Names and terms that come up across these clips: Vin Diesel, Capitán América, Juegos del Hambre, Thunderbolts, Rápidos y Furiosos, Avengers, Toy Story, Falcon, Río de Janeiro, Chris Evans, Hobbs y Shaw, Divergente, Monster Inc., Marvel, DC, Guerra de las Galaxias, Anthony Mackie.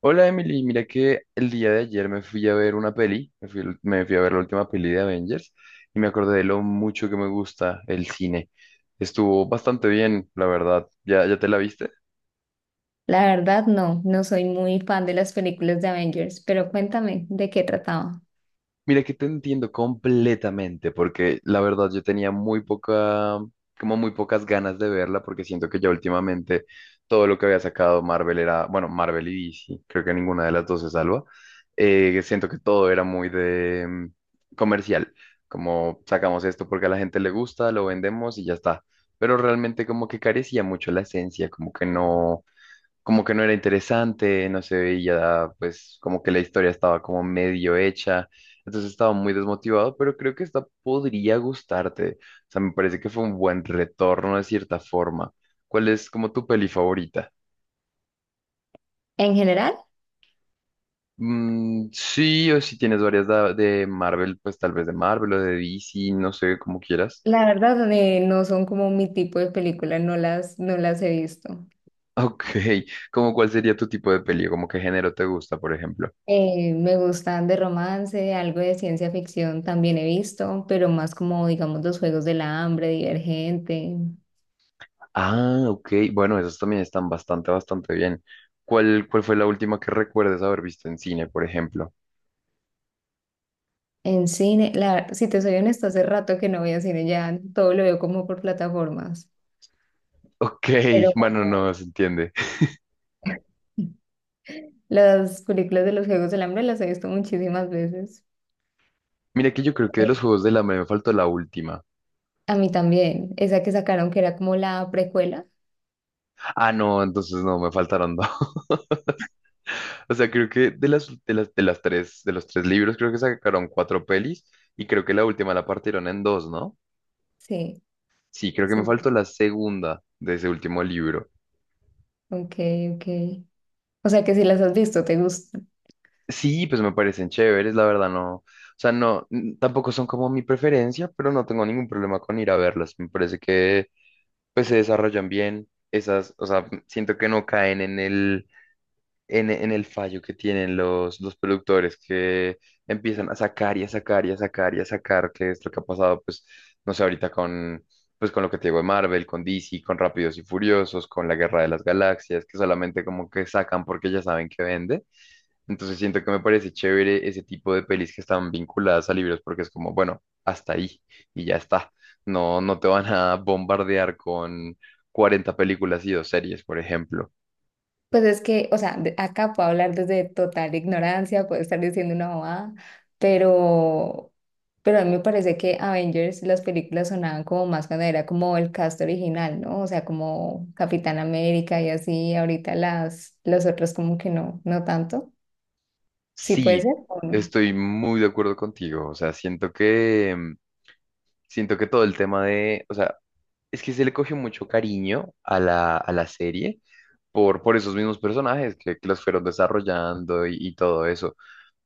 Hola Emily, mira que el día de ayer me fui a ver una peli, me fui a ver la última peli de Avengers y me acordé de lo mucho que me gusta el cine. Estuvo bastante bien, la verdad. Ya te la viste? La verdad, no, no soy muy fan de las películas de Avengers, pero cuéntame de qué trataba. Mira que te entiendo completamente, porque la verdad yo tenía muy poca, como muy pocas ganas de verla, porque siento que ya últimamente todo lo que había sacado Marvel era, bueno, Marvel y DC, creo que ninguna de las dos se salva. Siento que todo era muy de comercial, como sacamos esto porque a la gente le gusta, lo vendemos y ya está. Pero realmente como que carecía mucho la esencia, como que no era interesante, no se veía, pues como que la historia estaba como medio hecha, entonces estaba muy desmotivado, pero creo que esta podría gustarte, o sea, me parece que fue un buen retorno de cierta forma. ¿Cuál es como tu peli favorita? En general, Sí, o si tienes varias de Marvel, pues tal vez de Marvel o de DC, no sé, como quieras. la verdad, no son como mi tipo de película, no las he visto. Ok, ¿como cuál sería tu tipo de peli? ¿Como qué género te gusta, por ejemplo? Me gustan de romance, algo de ciencia ficción también he visto, pero más como, digamos, los Juegos del Hambre, Divergente. Ah, ok. Bueno, esas también están bastante bien. Cuál fue la última que recuerdes haber visto en cine, por ejemplo? En cine, la, si te soy honesta, hace rato que no voy a cine, ya todo lo veo como por plataformas, Ok, pero bueno, no se entiende. las películas de los Juegos del Hambre las he visto muchísimas veces. Mira que yo creo que de los Juegos del Hambre me faltó la última. A mí también, esa que sacaron que era como la precuela. Ah, no, entonces no, me faltaron dos. O sea, creo que de los tres libros, creo que sacaron cuatro pelis y creo que la última la partieron en dos, ¿no? Sí, Sí, creo que sí, me sí. faltó la segunda de ese último libro. Ok, ok. O sea que si las has visto, te gustan. Sí, pues me parecen chéveres, la verdad, no. O sea, no, tampoco son como mi preferencia, pero no tengo ningún problema con ir a verlos. Me parece que pues se desarrollan bien esas, o sea, siento que no caen en en el fallo que tienen los productores que empiezan a sacar y a sacar y a sacar y a sacar, que es lo que ha pasado, pues, no sé, con lo que te digo de Marvel, con DC, con Rápidos y Furiosos, con la Guerra de las Galaxias, que solamente como que sacan porque ya saben que vende. Entonces siento que me parece chévere ese tipo de pelis que están vinculadas a libros porque es como, bueno, hasta ahí y ya está. No, no te van a bombardear con 40 películas y dos series, por ejemplo. Pues es que, o sea, acá puedo hablar desde total ignorancia, puedo estar diciendo una bobada, pero, pero a mí me parece que Avengers, las películas sonaban como más cuando era como el cast original, ¿no? O sea, como Capitán América y así, ahorita los otros como que no, no tanto. Sí puede Sí, ser o no. estoy muy de acuerdo contigo. O sea, siento que siento que todo el tema de, o sea, es que se le cogió mucho cariño a a la serie por esos mismos personajes que los fueron desarrollando y todo eso.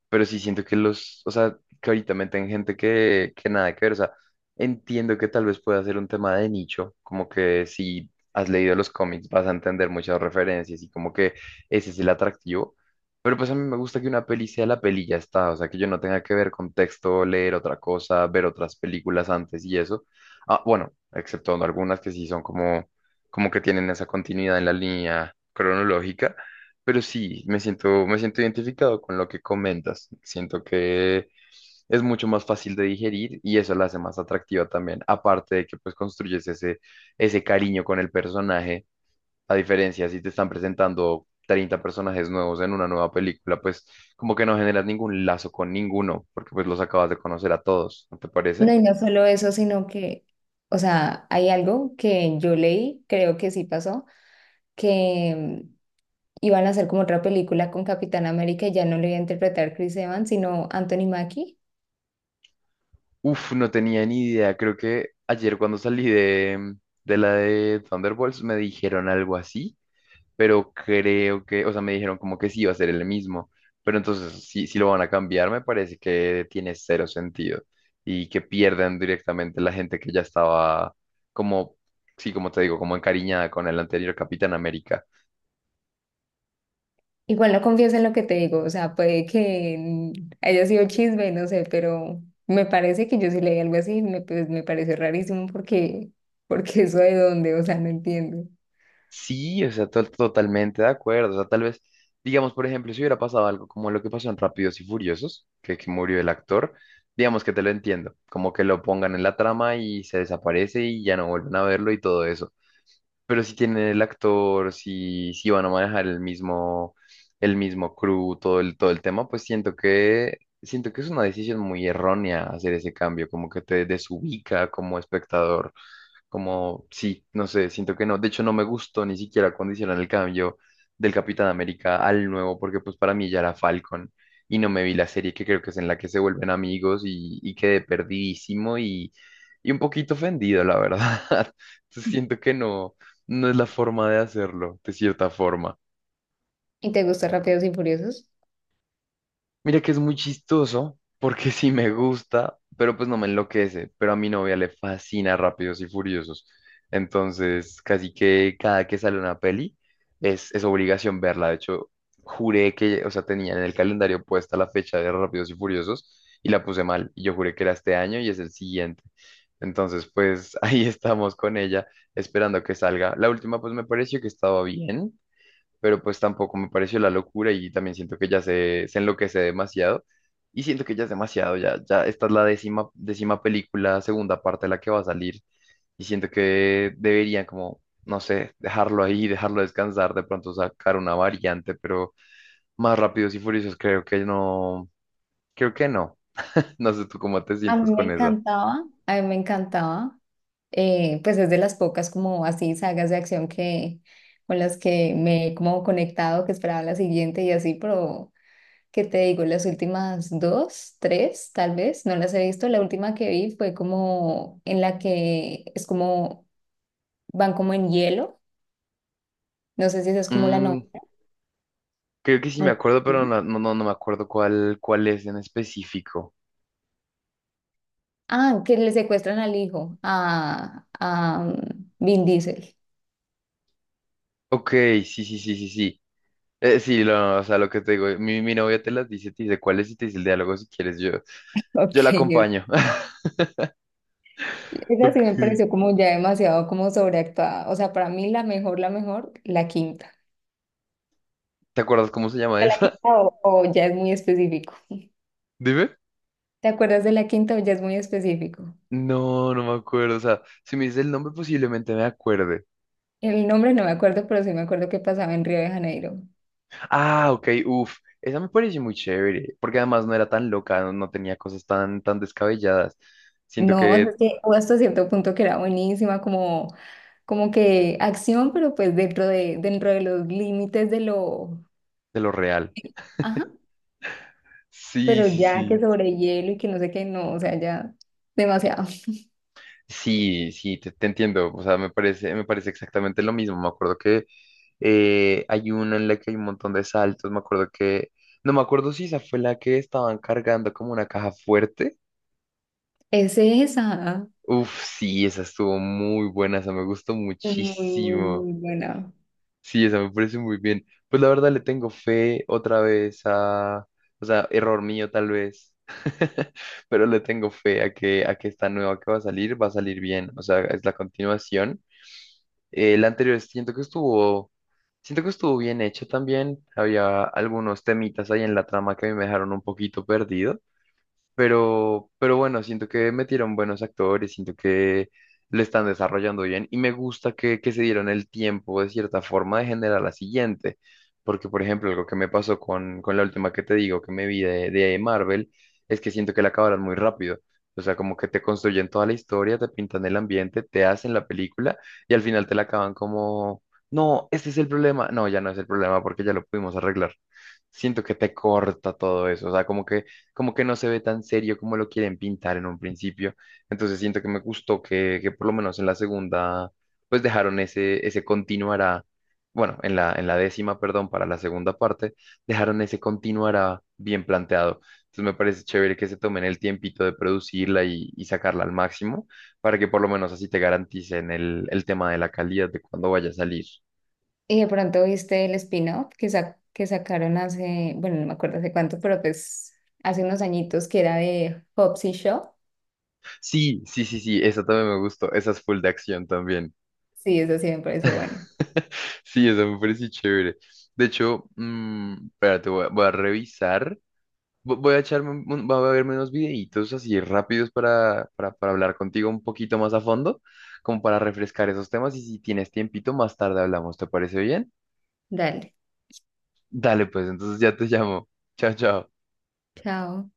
Pero sí siento que los, o sea, que ahorita meten gente que nada que ver. O sea, entiendo que tal vez pueda ser un tema de nicho, como que si has leído los cómics vas a entender muchas referencias y como que ese es el atractivo. Pero pues a mí me gusta que una peli sea la peli y ya está, o sea, que yo no tenga que ver contexto, leer otra cosa, ver otras películas antes y eso. Ah, bueno, excepto algunas que sí son como, como que tienen esa continuidad en la línea cronológica, pero sí, me siento identificado con lo que comentas. Siento que es mucho más fácil de digerir y eso la hace más atractiva también. Aparte de que pues construyes ese cariño con el personaje, a diferencia si te están presentando 30 personajes nuevos en una nueva película, pues como que no generas ningún lazo con ninguno, porque pues los acabas de conocer a todos, ¿no te parece? No, y no solo eso, sino que, o sea, hay algo que yo leí, creo que sí pasó, que mm, iban a hacer como otra película con Capitán América y ya no lo iba a interpretar Chris Evans, sino Anthony Mackie. Uf, no tenía ni idea. Creo que ayer cuando salí de la de Thunderbolts me dijeron algo así, pero creo que, o sea, me dijeron como que sí iba a ser el mismo, pero entonces si lo van a cambiar, me parece que tiene cero sentido y que pierdan directamente la gente que ya estaba como, sí, como te digo, como encariñada con el anterior Capitán América. Igual no confieso en lo que te digo, o sea, puede que haya sido chisme, no sé, pero me parece que yo sí leí algo así, me, pues, me pareció rarísimo porque, porque eso de dónde, o sea, no entiendo. Sí, o sea, totalmente de acuerdo, o sea, tal vez, digamos, por ejemplo, si hubiera pasado algo como lo que pasó en Rápidos y Furiosos, que murió el actor. Digamos que te lo entiendo, como que lo pongan en la trama y se desaparece y ya no vuelven a verlo y todo eso. Pero si tienen el actor, si van a manejar el mismo crew, todo el tema, pues siento que es una decisión muy errónea hacer ese cambio, como que te desubica como espectador. Como, sí, no sé, siento que no. De hecho, no me gustó ni siquiera cuando hicieron el cambio del Capitán América al nuevo, porque pues para mí ya era Falcon y no me vi la serie que creo que es en la que se vuelven amigos y quedé perdidísimo y un poquito ofendido, la verdad. Entonces siento que no, no es la forma de hacerlo, de cierta forma. ¿Y te gusta Rápidos y Furiosos? Mira que es muy chistoso porque sí me gusta, pero pues no me enloquece. Pero a mi novia le fascina Rápidos y Furiosos. Entonces, casi que cada que sale una peli es obligación verla. De hecho, juré que, o sea, tenía en el calendario puesta la fecha de Rápidos y Furiosos y la puse mal. Y yo juré que era este año y es el siguiente. Entonces, pues ahí estamos con ella esperando que salga. La última, pues me pareció que estaba bien, pero pues tampoco me pareció la locura y también siento que ya se enloquece demasiado y siento que ya es demasiado, ya esta es la décima película, segunda parte de la que va a salir y siento que deberían como, no sé, dejarlo ahí, dejarlo descansar, de pronto sacar una variante, pero más rápidos y furiosos creo que no, no sé tú cómo te A sientes mí me con esa. encantaba, a mí me encantaba. Pues es de las pocas como así sagas de acción que con las que me he como conectado, que esperaba la siguiente y así, pero qué te digo, las últimas dos, tres, tal vez, no las he visto. La última que vi fue como en la que es como van como en hielo, no sé si esa es como la novela Mm, creo que sí o me la acuerdo, pero última. no, no, no me acuerdo cuál, cuál es en específico. Ah, que le secuestran al hijo, a Vin Diesel. Ok, sí, sí, sí, sí, sí. Sí, lo, o sea, lo que te digo, mi novia te las dice, te dice cuál es y te dice el diálogo si quieres, yo, Ok. yo la acompaño. Esa sí Ok. me pareció como ya demasiado como sobreactuada. O sea, para mí la mejor, la mejor, la quinta. ¿Te acuerdas cómo se llama La esa? quinta o ya es muy específico. Dime. ¿Te acuerdas de la quinta o ya es muy específico? No, no me acuerdo, o sea, si me dices el nombre posiblemente me acuerde. El nombre no me acuerdo, pero sí me acuerdo que pasaba en Río de Janeiro. Ah, ok, uff, esa me pareció muy chévere, porque además no era tan loca, no, no tenía cosas tan descabelladas. Siento No, o sea, que es que hubo hasta cierto punto que era buenísima, como, como que acción, pero pues dentro de los límites de lo... de lo real. Ajá. Sí, Pero sí, ya que sí. sobre hielo y que no sé qué, no, o sea, ya demasiado. Sí, sí, te entiendo. O sea, me parece exactamente lo mismo. Me acuerdo que hay una en la que hay un montón de saltos. Me acuerdo que, no me acuerdo si esa fue la que estaban cargando como una caja fuerte. Es esa. Uf, sí, esa estuvo muy buena. Esa me gustó Muy, muy, muchísimo. muy buena. Sí, esa me parece muy bien. Pues la verdad le tengo fe otra vez a, o sea, error mío tal vez. Pero le tengo fe a que esta nueva que va a salir bien. O sea, es la continuación. El anterior siento que estuvo bien hecho también. Había algunos temitas ahí en la trama que a mí me dejaron un poquito perdido. Pero bueno, siento que metieron buenos actores, siento que lo están desarrollando bien y me gusta que se dieron el tiempo de cierta forma de generar la siguiente. Porque, por ejemplo, algo que me pasó con la última que te digo que me vi de Marvel es que siento que la acabaron muy rápido. O sea, como que te construyen toda la historia, te pintan el ambiente, te hacen la película y al final te la acaban como, no, este es el problema. No, ya no es el problema porque ya lo pudimos arreglar, siento que te corta todo eso, o sea, como que no se ve tan serio como lo quieren pintar en un principio. Entonces siento que me gustó que por lo menos en la segunda, pues dejaron ese, ese continuará, bueno, en la décima, perdón, para la segunda parte, dejaron ese continuará bien planteado. Entonces me parece chévere que se tomen el tiempito de producirla y sacarla al máximo para que por lo menos así te garanticen el tema de la calidad de cuando vaya a salir. Y de pronto viste el spin-off que, que sacaron hace, bueno, no me acuerdo hace cuánto, pero pues hace unos añitos que era de Hobbs y Shaw. Sí, sí, sí, sí, esa también me gustó, esa es full de acción también. Sí, eso sí me pareció bueno. Sí, eso me parece chévere. De hecho, mm, espérate, voy a, voy a revisar. Voy a echarme, voy a verme unos videitos así rápidos para hablar contigo un poquito más a fondo, como para refrescar esos temas. Y si tienes tiempito, más tarde hablamos. ¿Te parece bien? Dale, Dale, pues, entonces ya te llamo. Chao, chao. chao.